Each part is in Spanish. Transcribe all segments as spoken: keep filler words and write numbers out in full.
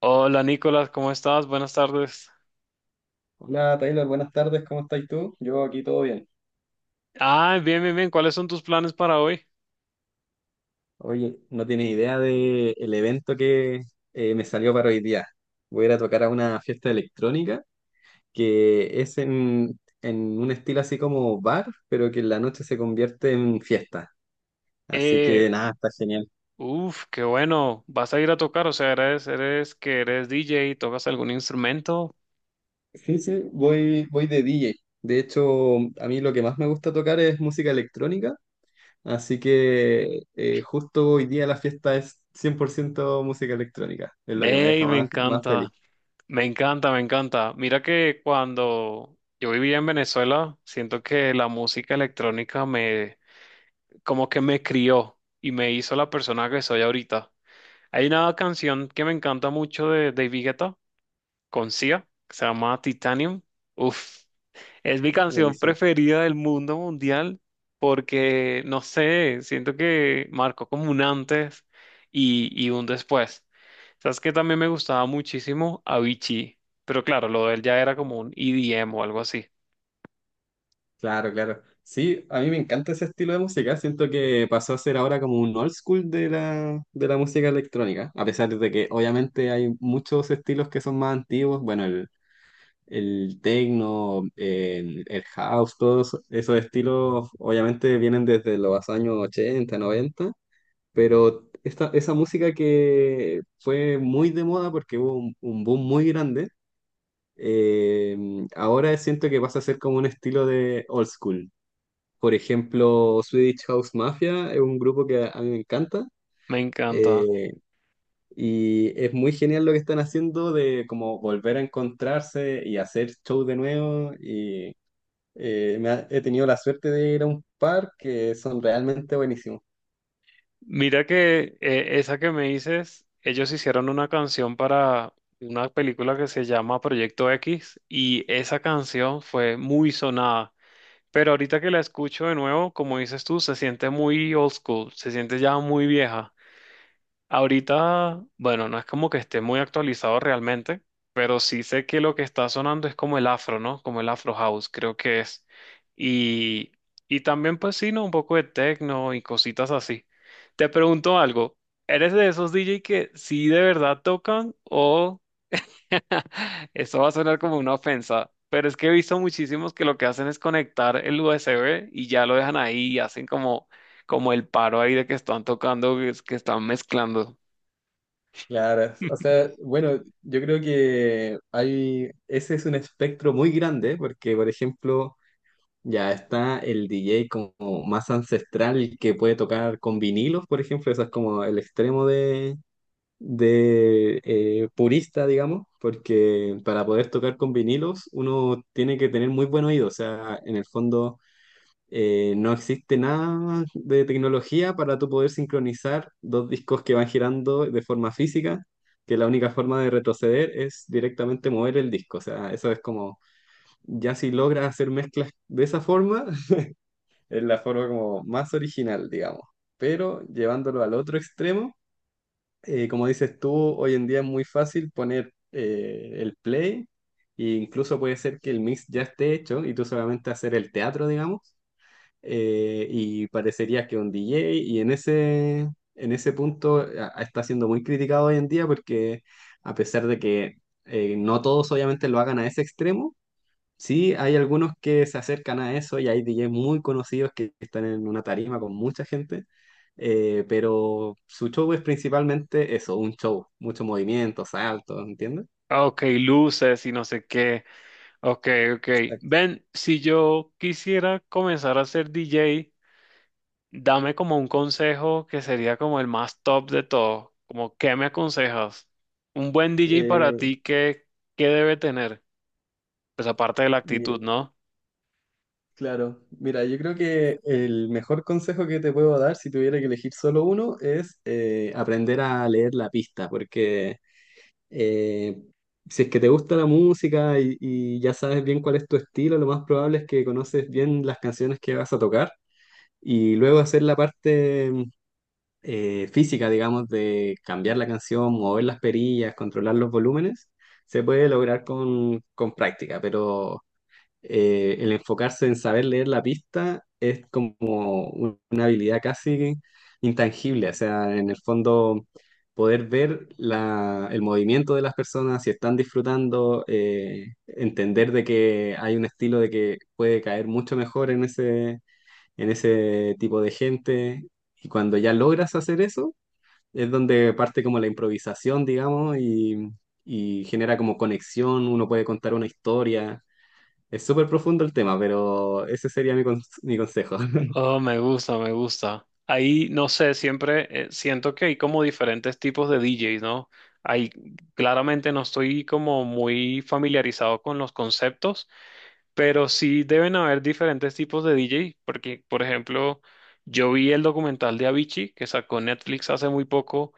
Hola Nicolás, ¿cómo estás? Buenas tardes. Hola Taylor, buenas tardes, ¿cómo estás tú? Yo aquí todo bien. Ah, bien, bien, bien. ¿Cuáles son tus planes para hoy? Oye, no tienes idea de el evento que eh, me salió para hoy día. Voy a ir a tocar a una fiesta electrónica que es en, en un estilo así como bar, pero que en la noche se convierte en fiesta. Así Eh, que nada, está genial. uf, qué bueno. ¿Vas a ir a tocar? O sea, eres, eres que eres D J, ¿tocas algún instrumento? Sí, sí, voy, voy de D J. De hecho, a mí lo que más me gusta tocar es música electrónica. Así que eh, justo hoy día la fiesta es cien por ciento música electrónica, es lo que me Ey, deja me más, más feliz. encanta, me encanta, me encanta. Mira que cuando yo vivía en Venezuela, siento que la música electrónica me, como que me crió y me hizo la persona que soy ahorita. Hay una canción que me encanta mucho de David Guetta con Sia, que se llama Titanium. Uf, es mi canción Buenísimo. preferida del mundo mundial porque, no sé, siento que marcó como un antes y, y un después. Sabes que también me gustaba muchísimo Avicii, pero claro, lo de él ya era como un E D M o algo así. Claro, claro. Sí, a mí me encanta ese estilo de música, siento que pasó a ser ahora como un old school de la, de la música electrónica, a pesar de que obviamente hay muchos estilos que son más antiguos, bueno, el, el techno, el, el house, todos esos estilos obviamente vienen desde los años ochenta, noventa. Pero esta, esa música que fue muy de moda porque hubo un, un boom muy grande. eh, Ahora siento que pasa a ser como un estilo de old school. Por ejemplo, Swedish House Mafia es un grupo que a mí me encanta. Me encanta. Eh, y es muy genial lo que están haciendo de como volver a encontrarse y hacer show de nuevo y eh, me ha- he tenido la suerte de ir a un par que son realmente buenísimos. Mira que eh, esa que me dices, ellos hicieron una canción para una película que se llama Proyecto X y esa canción fue muy sonada. Pero ahorita que la escucho de nuevo, como dices tú, se siente muy old school, se siente ya muy vieja. Ahorita, bueno, no es como que esté muy actualizado realmente, pero sí sé que lo que está sonando es como el afro, ¿no? Como el afro house, creo que es. Y, y también, pues sí, ¿no? Un poco de techno y cositas así. Te pregunto algo, ¿eres de esos D J que sí de verdad tocan o eso va a sonar como una ofensa, pero es que he visto muchísimos que lo que hacen es conectar el U S B y ya lo dejan ahí y hacen como, como el paro ahí de que están tocando, que es- que están mezclando. Claro, o sea, bueno, yo creo que hay, ese es un espectro muy grande, porque por ejemplo, ya está el D J como más ancestral que puede tocar con vinilos, por ejemplo, eso es como el extremo de, de eh, purista, digamos, porque para poder tocar con vinilos uno tiene que tener muy buen oído, o sea, en el fondo eh, no existe nada de tecnología para tú poder sincronizar dos discos que van girando de forma física, que la única forma de retroceder es directamente mover el disco. O sea, eso es como, ya si logras hacer mezclas de esa forma, es la forma como más original, digamos. Pero llevándolo al otro extremo, eh, como dices tú, hoy en día es muy fácil poner eh, el play. E incluso puede ser que el mix ya esté hecho y tú solamente hacer el teatro, digamos. Eh, y parecería que un D J, y en ese, en ese punto a- a- está siendo muy criticado hoy en día porque a pesar de que eh, no todos obviamente lo hagan a ese extremo, sí hay algunos que se acercan a eso y hay D Js muy conocidos que están en una tarima con mucha gente, eh, pero su show es principalmente eso, un show, mucho movimiento, saltos, ¿entiendes? Ah, ok, luces y no sé qué. Ok, ok. Exacto. Ven, si yo quisiera comenzar a ser D J, dame como un consejo que sería como el más top de todo. Como, ¿qué me aconsejas? Un buen D J para Eh, ti, ¿qué, ¿qué debe tener? Pues aparte de la mira, actitud, ¿no? Claro, mira, yo creo que el mejor consejo que te puedo dar si tuviera que elegir solo uno es eh, aprender a leer la pista, porque eh, si es que te gusta la música y, y ya sabes bien cuál es tu estilo, lo más probable es que conoces bien las canciones que vas a tocar y luego hacer la parte eh, física, digamos, de cambiar la canción, mover las perillas, controlar los volúmenes, se puede lograr con, con práctica, pero eh, el enfocarse en saber leer la pista es como un- una habilidad casi intangible, o sea, en el fondo poder ver la- el movimiento de las personas, si están disfrutando, eh, entender de que hay un estilo de que puede caer mucho mejor en ese, en ese tipo de gente, y cuando ya logras hacer eso, es donde parte como la improvisación, digamos, y... y genera como conexión, uno puede contar una historia, es súper profundo el tema, pero ese sería mi, cons- mi consejo. Oh, me gusta, me gusta. Ahí, no sé, siempre eh, siento que hay como diferentes tipos de D Js, ¿no? Ahí claramente no estoy como muy familiarizado con los conceptos, pero sí deben haber diferentes tipos de D J, porque, por ejemplo, yo vi el documental de Avicii que sacó Netflix hace muy poco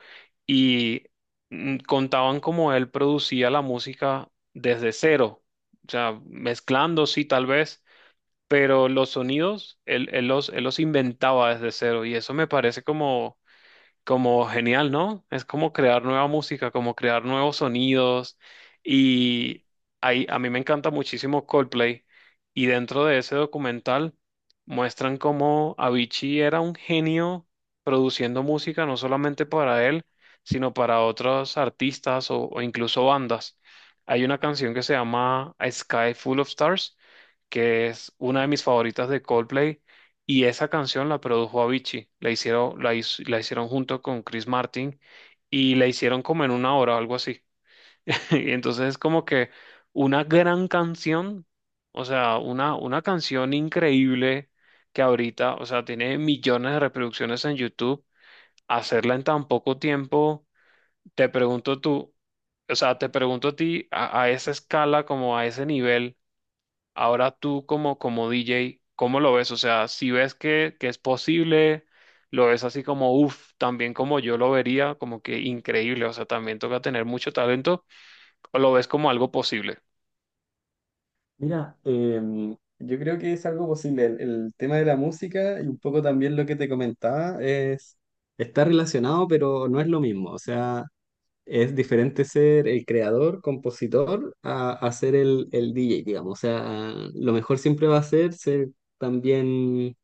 y mm, contaban cómo él producía la música desde cero, o sea, mezclando, sí, tal vez, pero los sonidos él, él los, él los inventaba desde cero y eso me parece como, como genial, ¿no? Es como crear nueva música, como crear nuevos sonidos. Y ahí, a mí me encanta muchísimo Coldplay. Y dentro de ese documental muestran cómo Avicii era un genio produciendo música, no solamente para él, sino para otros artistas o, o incluso bandas. Hay una canción que se llama A Sky Full of Stars, que es una de mis favoritas de Coldplay y esa canción la produjo Avicii, la hicieron, la, hiz- la hicieron junto con Chris Martin y la hicieron como en una hora o algo así. Y entonces es como que una gran canción, o sea, una, una canción increíble que ahorita, o sea, tiene millones de reproducciones en YouTube, hacerla en tan poco tiempo, te pregunto tú, o sea, te pregunto a ti a a esa escala, como a ese nivel. Ahora tú como, como D J, ¿cómo lo ves? O sea, si ves que, que es posible, lo ves así como, uff, también como yo lo vería, como que increíble, o sea, también toca tener mucho talento, o lo ves como algo posible. Mira, em, yo creo que es algo posible. El, el tema de la música y un poco también lo que te comentaba es, está relacionado, pero no es lo mismo. O sea, es diferente ser el creador, compositor, a, a ser el, el D J, digamos. O sea, lo mejor siempre va a ser ser también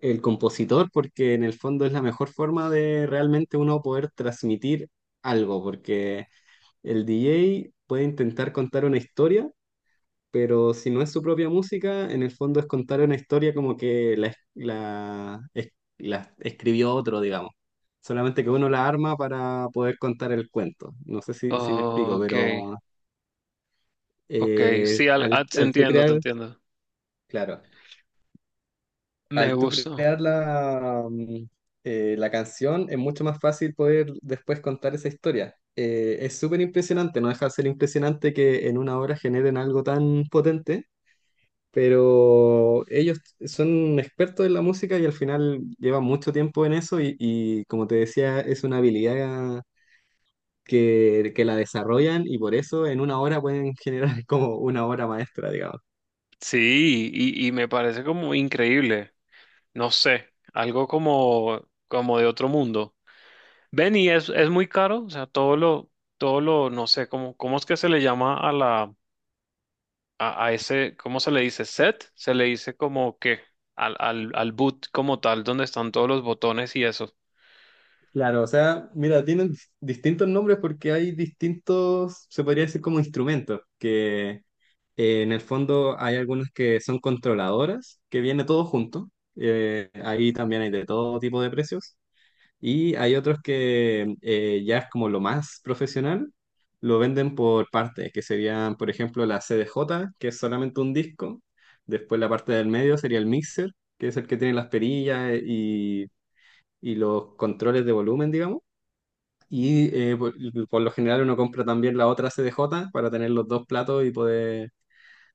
el compositor, porque en el fondo es la mejor forma de realmente uno poder transmitir algo, porque el D J puede intentar contar una historia, pero si no es su propia música, en el fondo es contar una historia como que la, es- la, es- la escribió otro, digamos. Solamente que uno la arma para poder contar el cuento. No sé si, si me explico, Ok, pero ok, eh, sí, al- al, ah, te al tú entiendo, te crear, entiendo. claro. Me Al tú gusta. crear la, mm, eh, la canción, es mucho más fácil poder después contar esa historia. Eh, es súper impresionante, no deja de ser impresionante que en una hora generen algo tan potente, pero ellos son expertos en la música y al final llevan mucho tiempo en eso y, y como te decía, es una habilidad que, que la desarrollan y por eso en una hora pueden generar como una obra maestra, digamos. Sí, y, y me parece como increíble, no sé, algo como, como de otro mundo. Ven, y es, es muy caro, o sea, todo lo, todo lo, no sé, cómo, cómo es que se le llama a la a, a ese, ¿cómo se le dice? Set, se le dice como que al, al, al boot como tal, donde están todos los botones y eso. Claro, o sea, mira, tienen dis- distintos nombres porque hay distintos, se podría decir como instrumentos, que eh, en el fondo hay algunas que son controladoras, que viene todo junto. Eh, ahí también hay de todo tipo de precios, y hay otros que eh, ya es como lo más profesional, lo venden por partes, que serían, por ejemplo, la C D J que es solamente un disco, después la parte del medio sería el mixer, que es el que tiene las perillas eh, y y los controles de volumen, digamos. Y eh, por, por lo general uno compra también la otra C D J para tener los dos platos y poder,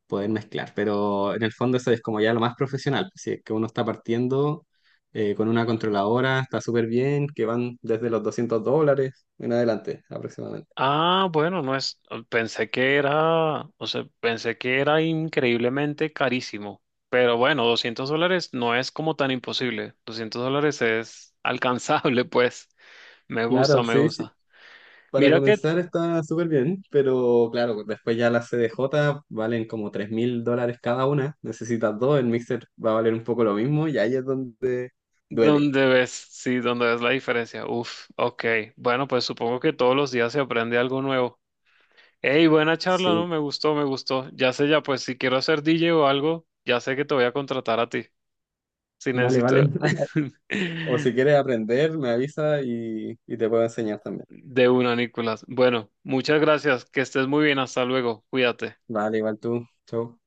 poder mezclar. Pero en el fondo eso es como ya lo más profesional. Si es que uno está partiendo eh, con una controladora, está súper bien, que van desde los doscientos dólares en adelante aproximadamente. Ah, bueno, no es, pensé que era, o sea, pensé que era increíblemente carísimo, pero bueno, doscientos dólares no es como tan imposible, doscientos dólares es alcanzable, pues, me gusta, Claro, me sí, sí. gusta. Para Mira que comenzar está súper bien, pero claro, después ya las C D J valen como tres mil dólares cada una. Necesitas dos, el mixer va a valer un poco lo mismo y ahí es donde duele. donde ves, sí, donde ves la diferencia, uf, ok, bueno, pues supongo que todos los días se aprende algo nuevo. Hey, buena charla, ¿no? Sí, Me gustó, me gustó. Ya sé, ya pues si quiero ser D J o algo, ya sé que te voy a contratar a ti. Si vale, vale. necesito O si quieres aprender, me avisa y, y te puedo enseñar también. de una, Nicolás. Bueno, muchas gracias. Que estés muy bien. Hasta luego. Cuídate. Vale, igual tú. Chau.